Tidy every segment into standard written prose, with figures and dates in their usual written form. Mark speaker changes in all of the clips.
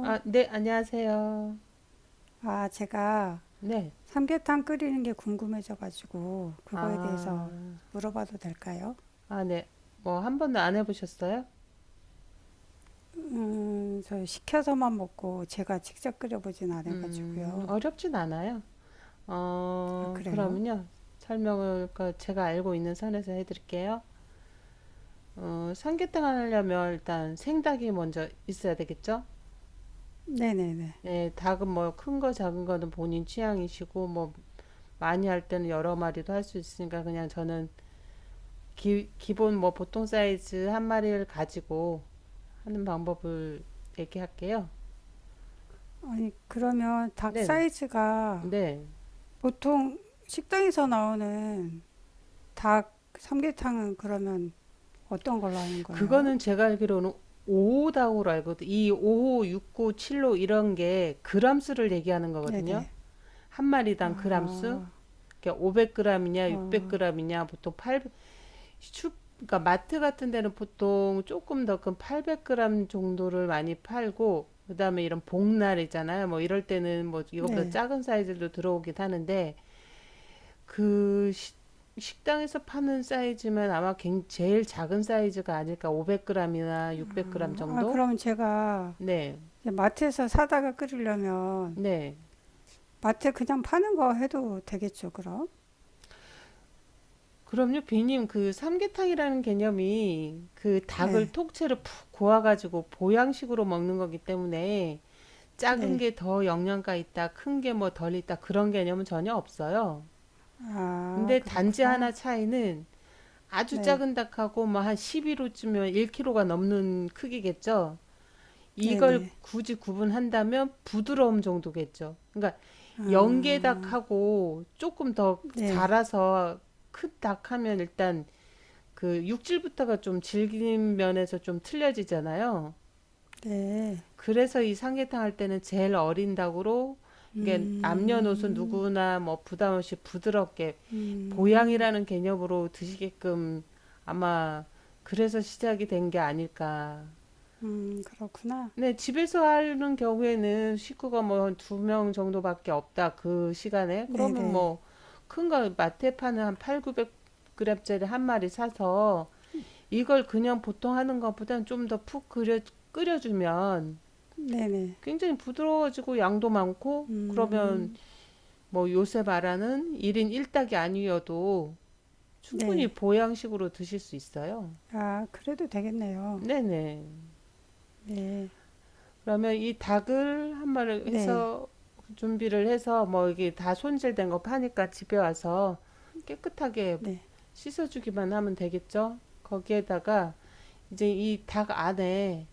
Speaker 1: 아, 네, 안녕하세요.
Speaker 2: 아, 제가
Speaker 1: 네.
Speaker 2: 삼계탕 끓이는 게 궁금해져가지고 그거에 대해서
Speaker 1: 아,
Speaker 2: 물어봐도 될까요?
Speaker 1: 아, 네. 뭐, 한 번도 안 해보셨어요?
Speaker 2: 저 시켜서만 먹고 제가 직접 끓여보진 않아가지고요.
Speaker 1: 어렵진 않아요.
Speaker 2: 아,
Speaker 1: 어,
Speaker 2: 그래요?
Speaker 1: 그러면요. 설명을 그 제가 알고 있는 선에서 해드릴게요. 어, 삼계탕 하려면 일단 생닭이 먼저 있어야 되겠죠?
Speaker 2: 네네네.
Speaker 1: 네, 닭은 뭐 큰거 작은 거는 본인 취향이시고, 뭐 많이 할 때는 여러 마리도 할 수 있으니까, 그냥 저는 기본 뭐 보통 사이즈 한 마리를 가지고 하는 방법을 얘기할게요.
Speaker 2: 아니, 그러면 닭
Speaker 1: 네네.
Speaker 2: 사이즈가
Speaker 1: 네.
Speaker 2: 보통 식당에서 나오는 닭 삼계탕은 그러면 어떤 걸로 하는 거예요?
Speaker 1: 그거는 제가 알기로는 5호다우로 알거든. 이 5호, 6호, 7호 이런 게 그람수를 얘기하는 거거든요.
Speaker 2: 네네.
Speaker 1: 한 마리당 그람수.
Speaker 2: 아,
Speaker 1: 그러니까 500g이냐,
Speaker 2: 어,
Speaker 1: 600g이냐, 보통 800, 슈, 그러니까 마트 같은 데는 보통 조금 더 큰 800g 정도를 많이 팔고, 그다음에 이런 복날 있잖아요. 뭐 이럴 때는 뭐 이거보다
Speaker 2: 네.
Speaker 1: 작은 사이즈도 들어오긴 하는데, 그 시- 식당에서 파는 사이즈면 아마 제일 작은 사이즈가 아닐까. 500g이나 600g
Speaker 2: 아,
Speaker 1: 정도?
Speaker 2: 그럼 제가
Speaker 1: 네.
Speaker 2: 마트에서 사다가 끓이려면
Speaker 1: 네.
Speaker 2: 마트에 그냥 파는 거 해도 되겠죠, 그럼?
Speaker 1: 그럼요, 비님. 그 삼계탕이라는 개념이 그 닭을
Speaker 2: 네,
Speaker 1: 통째로 푹 고아가지고 보양식으로 먹는 거기 때문에 작은
Speaker 2: 네.
Speaker 1: 게 더 영양가 있다, 큰게 뭐 덜 있다, 그런 개념은 전혀 없어요.
Speaker 2: 아,
Speaker 1: 근데 단지
Speaker 2: 그렇구나.
Speaker 1: 하나 차이는 아주
Speaker 2: 네,
Speaker 1: 작은 닭하고 뭐 한 11호쯤이면 1kg가 넘는 크기겠죠.
Speaker 2: 네,
Speaker 1: 이걸
Speaker 2: 네.
Speaker 1: 굳이 구분한다면 부드러움 정도겠죠. 그러니까
Speaker 2: 아,
Speaker 1: 연계닭하고 조금 더
Speaker 2: 네,
Speaker 1: 자라서 큰 닭하면 일단 그 육질부터가 좀 질긴 면에서 좀 틀려지잖아요.
Speaker 2: 네.
Speaker 1: 그래서 이 삼계탕 할 때는 제일 어린 닭으로, 이게 남녀노소
Speaker 2: 음,
Speaker 1: 누구나 뭐 부담 없이 부드럽게
Speaker 2: 음,
Speaker 1: 보양이라는 개념으로 드시게끔 아마 그래서 시작이 된 게 아닐까.
Speaker 2: 그렇구나.
Speaker 1: 네. 집에서 하는 경우에는 식구가 뭐 한 2 명 정도밖에 없다 그 시간에.
Speaker 2: 네,
Speaker 1: 그러면
Speaker 2: 네,
Speaker 1: 뭐 큰 거 마트에 파는 한8 구백 9 0 0 그램짜리 한 마리 사서 이걸 그냥 보통 하는 것보다는 좀 더 푹 끓여주면
Speaker 2: 네, 네.
Speaker 1: 굉장히 부드러워지고 양도 많고, 그러면
Speaker 2: 음,
Speaker 1: 뭐 요새 말하는 1인 1 닭이 아니어도
Speaker 2: 네.
Speaker 1: 충분히 보양식으로 드실 수 있어요.
Speaker 2: 아, 그래도 되겠네요.
Speaker 1: 네네.
Speaker 2: 네,
Speaker 1: 그러면 이 닭을 한 마리
Speaker 2: 네,
Speaker 1: 해서 준비를 해서, 뭐 이게 다 손질된 거 파니까 집에 와서 깨끗하게
Speaker 2: 네,
Speaker 1: 씻어주기만 하면 되겠죠? 거기에다가 이제 이 닭 안에,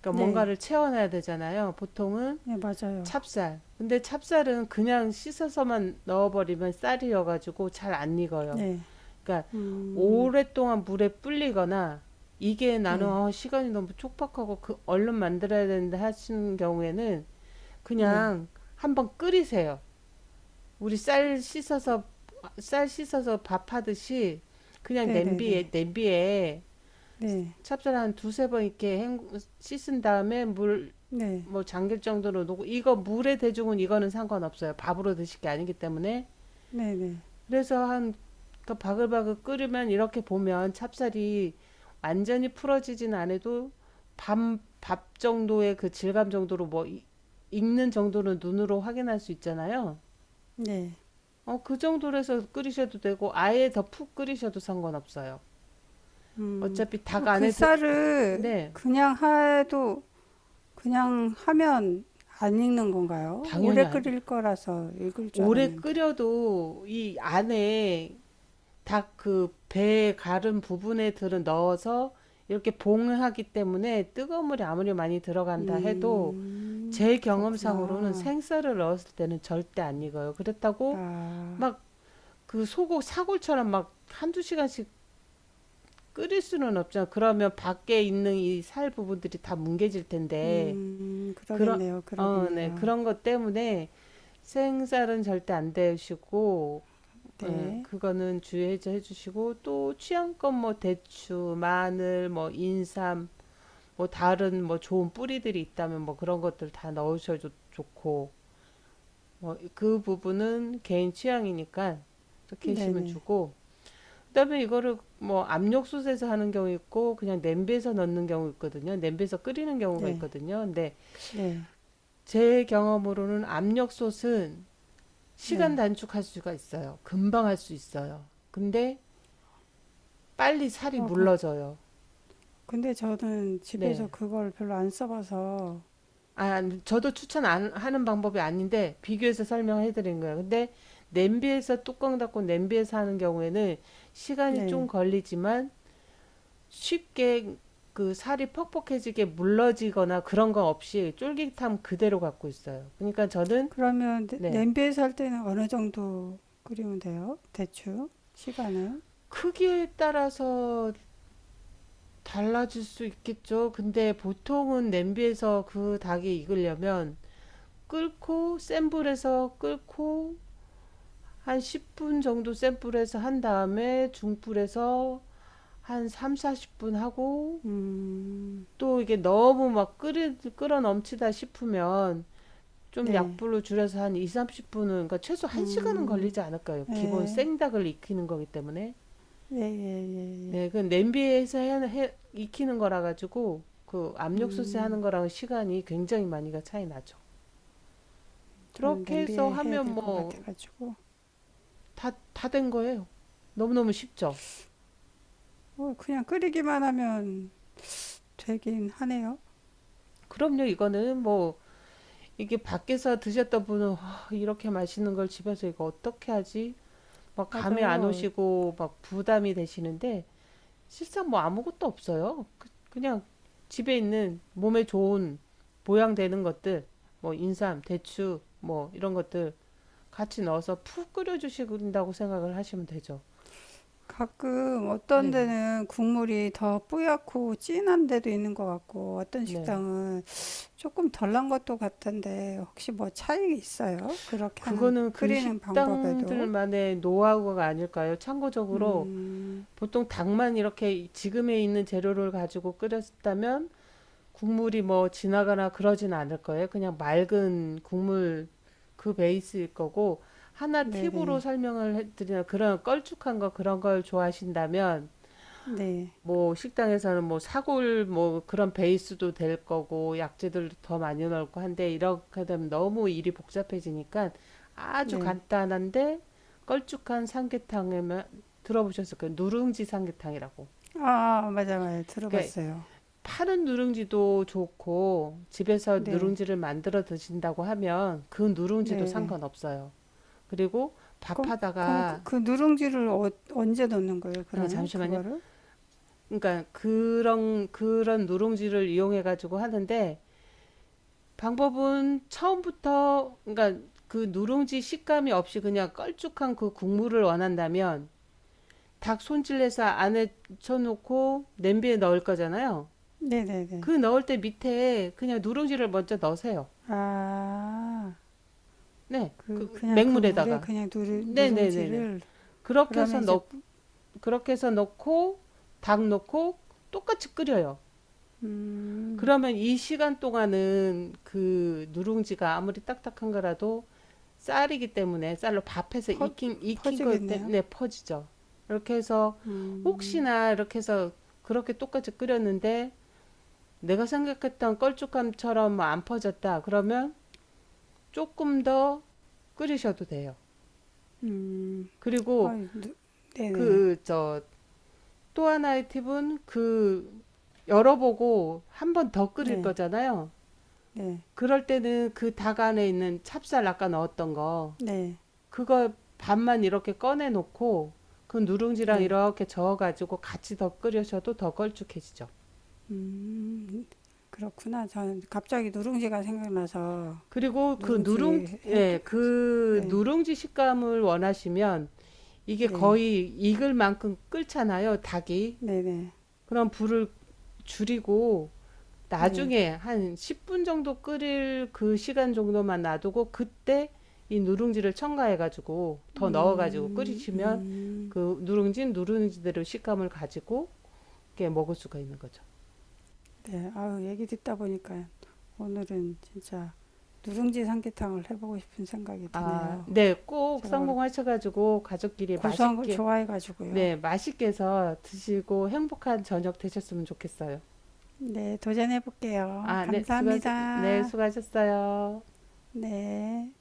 Speaker 1: 그러니까
Speaker 2: 네,
Speaker 1: 뭔가를 채워놔야 되잖아요. 보통은
Speaker 2: 네, 맞아요.
Speaker 1: 찹쌀. 근데 찹쌀은 그냥 씻어서만 넣어버리면 쌀이여가지고 잘 안 익어요.
Speaker 2: 네,
Speaker 1: 그러니까
Speaker 2: 음,
Speaker 1: 오랫동안 물에 불리거나, 이게 나는
Speaker 2: 네,
Speaker 1: 어, 시간이 너무 촉박하고 그 얼른 만들어야 되는데 하시는 경우에는
Speaker 2: 네,
Speaker 1: 그냥 한번 끓이세요. 우리 쌀 씻어서, 쌀 씻어서 밥하듯이 그냥
Speaker 2: 네, 네, 네,
Speaker 1: 냄비에, 냄비에
Speaker 2: 네.
Speaker 1: 찹쌀 한 두세 번 이렇게 씻은 다음에 물
Speaker 2: 네,
Speaker 1: 뭐 잠길 정도로 놓고, 이거 물에 대중은 이거는 상관없어요. 밥으로 드실 게 아니기 때문에.
Speaker 2: 네, 네,
Speaker 1: 그래서 한, 그러니까 바글바글 끓으면 이렇게 보면 찹쌀이 완전히 풀어지진 않아도 밥, 밥 정도의 그 질감 정도로 뭐 이- 익는 정도는 눈으로 확인할 수 있잖아요.
Speaker 2: 네.
Speaker 1: 어, 그 정도로 해서 끓이셔도 되고, 아예 더 푹 끓이셔도 상관없어요. 어차피 닭
Speaker 2: 그럼 그
Speaker 1: 안에 드...
Speaker 2: 쌀을
Speaker 1: 네,
Speaker 2: 그냥 해도 그냥 하면 안 익는 건가요?
Speaker 1: 당연히
Speaker 2: 오래
Speaker 1: 안.
Speaker 2: 끓일 거라서 익을 줄
Speaker 1: 오래
Speaker 2: 알았는데.
Speaker 1: 끓여도 이 안에 닭 그 배 가른 부분에 들은 넣어서 이렇게 봉을 하기 때문에, 뜨거운 물이 아무리 많이 들어간다 해도 제 경험상으로는
Speaker 2: 그렇구나.
Speaker 1: 생쌀을 넣었을 때는 절대 안 익어요. 그렇다고
Speaker 2: 아,
Speaker 1: 막 그 소고 사골처럼 막 한두 시간씩 끓일 수는 없잖아. 그러면 밖에 있는 이 살 부분들이 다 뭉개질 텐데, 그런
Speaker 2: 그러겠네요,
Speaker 1: 어, 네.
Speaker 2: 그러겠네요.
Speaker 1: 그런 것 때문에 생쌀은 절대 안 데우시고, 예,
Speaker 2: 네,
Speaker 1: 그거는 주의해 해주시고, 또 취향껏 뭐 대추, 마늘, 뭐 인삼, 뭐 다른 뭐 좋은 뿌리들이 있다면 뭐 그런 것들 다 넣으셔도 좋고, 뭐 그 부분은 개인 취향이니까 그렇게
Speaker 2: 네,
Speaker 1: 하시면
Speaker 2: 네,
Speaker 1: 주고, 그다음에 이거를 뭐 압력솥에서 하는 경우 있고, 그냥 냄비에서 넣는 경우 있거든요. 냄비에서 끓이는 경우가
Speaker 2: 네,
Speaker 1: 있거든요. 근데
Speaker 2: 네,
Speaker 1: 제 경험으로는 압력솥은 시간
Speaker 2: 네.
Speaker 1: 단축할 수가 있어요. 금방 할 수 있어요. 근데 빨리 살이
Speaker 2: 어, 그,
Speaker 1: 물러져요.
Speaker 2: 근데 저는 집에서
Speaker 1: 네.
Speaker 2: 그걸 별로 안 써봐서,
Speaker 1: 아, 저도 추천 안 하는 방법이 아닌데 비교해서 설명해 드린 거예요. 근데 냄비에서 뚜껑 닫고 냄비에서 하는 경우에는 시간이 좀
Speaker 2: 네,
Speaker 1: 걸리지만 쉽게 그 살이 퍽퍽해지게 물러지거나 그런 거 없이 쫄깃함 그대로 갖고 있어요. 그러니까 저는,
Speaker 2: 그러면
Speaker 1: 네.
Speaker 2: 냄비에서 할 때는 어느 정도 끓이면 돼요? 대충 시간은?
Speaker 1: 크기에 따라서 달라질 수 있겠죠. 근데 보통은 냄비에서 그 닭이 익으려면 끓고 센 불에서 끓고 한 10분 정도 센 불에서 한 다음에 중불에서 한 3, 40분 하고,
Speaker 2: 음,
Speaker 1: 또 이게 너무 막 끓어 넘치다 싶으면 좀
Speaker 2: 네,
Speaker 1: 약불로 줄여서 한 2, 30분은, 그러니까 최소 1시간은
Speaker 2: 음,
Speaker 1: 걸리지 않을까요? 기본
Speaker 2: 예,
Speaker 1: 생닭을 익히는 거기 때문에.
Speaker 2: 예, 예, 예, 예.
Speaker 1: 네, 그 냄비에서 익히는 거라 가지고 그 압력솥에 하는
Speaker 2: 음,
Speaker 1: 거랑 시간이 굉장히 많이가 차이 나죠.
Speaker 2: 저는
Speaker 1: 그렇게 해서
Speaker 2: 냄비에 해야
Speaker 1: 하면
Speaker 2: 될 것
Speaker 1: 뭐
Speaker 2: 같아가지고
Speaker 1: 다 된 거예요. 너무너무 쉽죠.
Speaker 2: 어, 그냥 끓이기만 하면 되긴 하네요.
Speaker 1: 그럼요, 이거는 뭐 이게 밖에서 드셨던 분은 "아, 이렇게 맛있는 걸 집에서 이거 어떻게 하지?" 막 감이 안
Speaker 2: 맞아요.
Speaker 1: 오시고 막 부담이 되시는데, 실상 뭐 아무것도 없어요. 그냥 집에 있는 몸에 좋은 보양되는 것들, 뭐 인삼, 대추, 뭐 이런 것들 같이 넣어서 푹 끓여주신다고 생각을 하시면 되죠.
Speaker 2: 가끔 어떤
Speaker 1: 네네.
Speaker 2: 데는 국물이 더뿌얗고 진한 데도 있는 것 같고 어떤
Speaker 1: 네.
Speaker 2: 식당은 조금 덜난 것도 같은데 혹시 뭐 차이 있어요? 그렇게 하는
Speaker 1: 그거는 그
Speaker 2: 끓이는 방법에도.
Speaker 1: 식당들만의 노하우가 아닐까요? 참고적으로
Speaker 2: 음,
Speaker 1: 보통 닭만 이렇게 지금에 있는 재료를 가지고 끓였다면 국물이 뭐 진하거나 그러진 않을 거예요. 그냥 맑은 국물 그 베이스일 거고, 하나 팁으로
Speaker 2: 네네,
Speaker 1: 설명을 해드리면, 그런 걸쭉한 거 그런 걸 좋아하신다면
Speaker 2: 네네아
Speaker 1: 뭐 식당에서는 뭐 사골 뭐 그런 베이스도 될 거고, 약재들 더 많이 넣고 한데, 이렇게 되면 너무 일이 복잡해지니까, 아주 간단한데 걸쭉한 삼계탕에만 들어보셨을 거예요. 누룽지 삼계탕이라고.
Speaker 2: 맞아 맞아,
Speaker 1: 그러니까
Speaker 2: 들어봤어요.
Speaker 1: 파는 누룽지도 좋고, 집에서
Speaker 2: 네네.
Speaker 1: 누룽지를 만들어 드신다고 하면 그 누룽지도 상관없어요. 그리고
Speaker 2: 그럼 그럼 그,
Speaker 1: 밥하다가,
Speaker 2: 그 누룽지를 어, 언제 넣는 거예요,
Speaker 1: 아,
Speaker 2: 그러면
Speaker 1: 잠시만요.
Speaker 2: 그거를?
Speaker 1: 그러니까 그런 누룽지를 이용해 가지고 하는데, 방법은 처음부터, 그러니까 그 누룽지 식감이 없이 그냥 껄쭉한 그 국물을 원한다면, 닭 손질해서 안에 쳐놓고 냄비에 넣을 거잖아요. 그
Speaker 2: 네네네.
Speaker 1: 넣을 때 밑에 그냥 누룽지를 먼저 넣으세요.
Speaker 2: 아,
Speaker 1: 네,
Speaker 2: 그
Speaker 1: 그
Speaker 2: 그냥 그 물에
Speaker 1: 맹물에다가.
Speaker 2: 그냥 누룽
Speaker 1: 네네네네.
Speaker 2: 누룽지를
Speaker 1: 그렇게 해서
Speaker 2: 그러면 이제
Speaker 1: 그렇게 해서 넣고, 닭 넣고, 똑같이 끓여요.
Speaker 2: 음,
Speaker 1: 그러면 이 시간 동안은 그 누룽지가 아무리 딱딱한 거라도 쌀이기 때문에, 쌀로 밥해서
Speaker 2: 퍼,
Speaker 1: 익힌 것
Speaker 2: 퍼지겠네요.
Speaker 1: 때문에 퍼지죠. 이렇게 해서,
Speaker 2: 음,
Speaker 1: 혹시나 이렇게 해서 그렇게 똑같이 끓였는데 내가 생각했던 걸쭉함처럼 뭐안 퍼졌다. 그러면 조금 더 끓이셔도 돼요.
Speaker 2: 음.
Speaker 1: 그리고
Speaker 2: 아이, 네네.
Speaker 1: 그, 저, 또 하나의 팁은 그 열어보고 한번 더 끓일
Speaker 2: 네,
Speaker 1: 거잖아요.
Speaker 2: 네,
Speaker 1: 그럴 때는 그 닭 안에 있는 찹쌀 아까 넣었던 거,
Speaker 2: 네,
Speaker 1: 그거 반만 이렇게 꺼내 놓고 그 누룽지랑
Speaker 2: 네.
Speaker 1: 이렇게 저어 가지고 같이 더 끓여셔도 더 걸쭉해지죠.
Speaker 2: 음, 그렇구나. 저는 갑자기 누룽지가 생각나서
Speaker 1: 그리고 그 누룽
Speaker 2: 누룽지 해도,
Speaker 1: 예, 그
Speaker 2: 네,
Speaker 1: 누룽지 식감을 원하시면, 이게
Speaker 2: 네,
Speaker 1: 거의 익을 만큼 끓잖아요, 닭이.
Speaker 2: 네 네, 네.
Speaker 1: 그럼 불을 줄이고,
Speaker 2: 네.
Speaker 1: 나중에 한 10분 정도 끓일 그 시간 정도만 놔두고 그때 이 누룽지를 첨가해가지고 더 넣어가지고
Speaker 2: 음,
Speaker 1: 끓이시면,
Speaker 2: 음,
Speaker 1: 그 누룽지 누룽지대로 식감을 가지고 이렇게 먹을 수가 있는 거죠.
Speaker 2: 네. 아유, 얘기 듣다 보니까 오늘은 진짜 누룽지 삼계탕을 해보고 싶은 생각이
Speaker 1: 아,
Speaker 2: 드네요.
Speaker 1: 네, 꼭
Speaker 2: 제가 원래
Speaker 1: 성공하셔가지고 가족끼리
Speaker 2: 고소한 걸
Speaker 1: 맛있게,
Speaker 2: 좋아해가지고요.
Speaker 1: 네, 맛있게 해서 드시고 행복한 저녁 되셨으면 좋겠어요.
Speaker 2: 네, 도전해볼게요.
Speaker 1: 아, 네, 네,
Speaker 2: 감사합니다.
Speaker 1: 수고하셨어요.
Speaker 2: 네.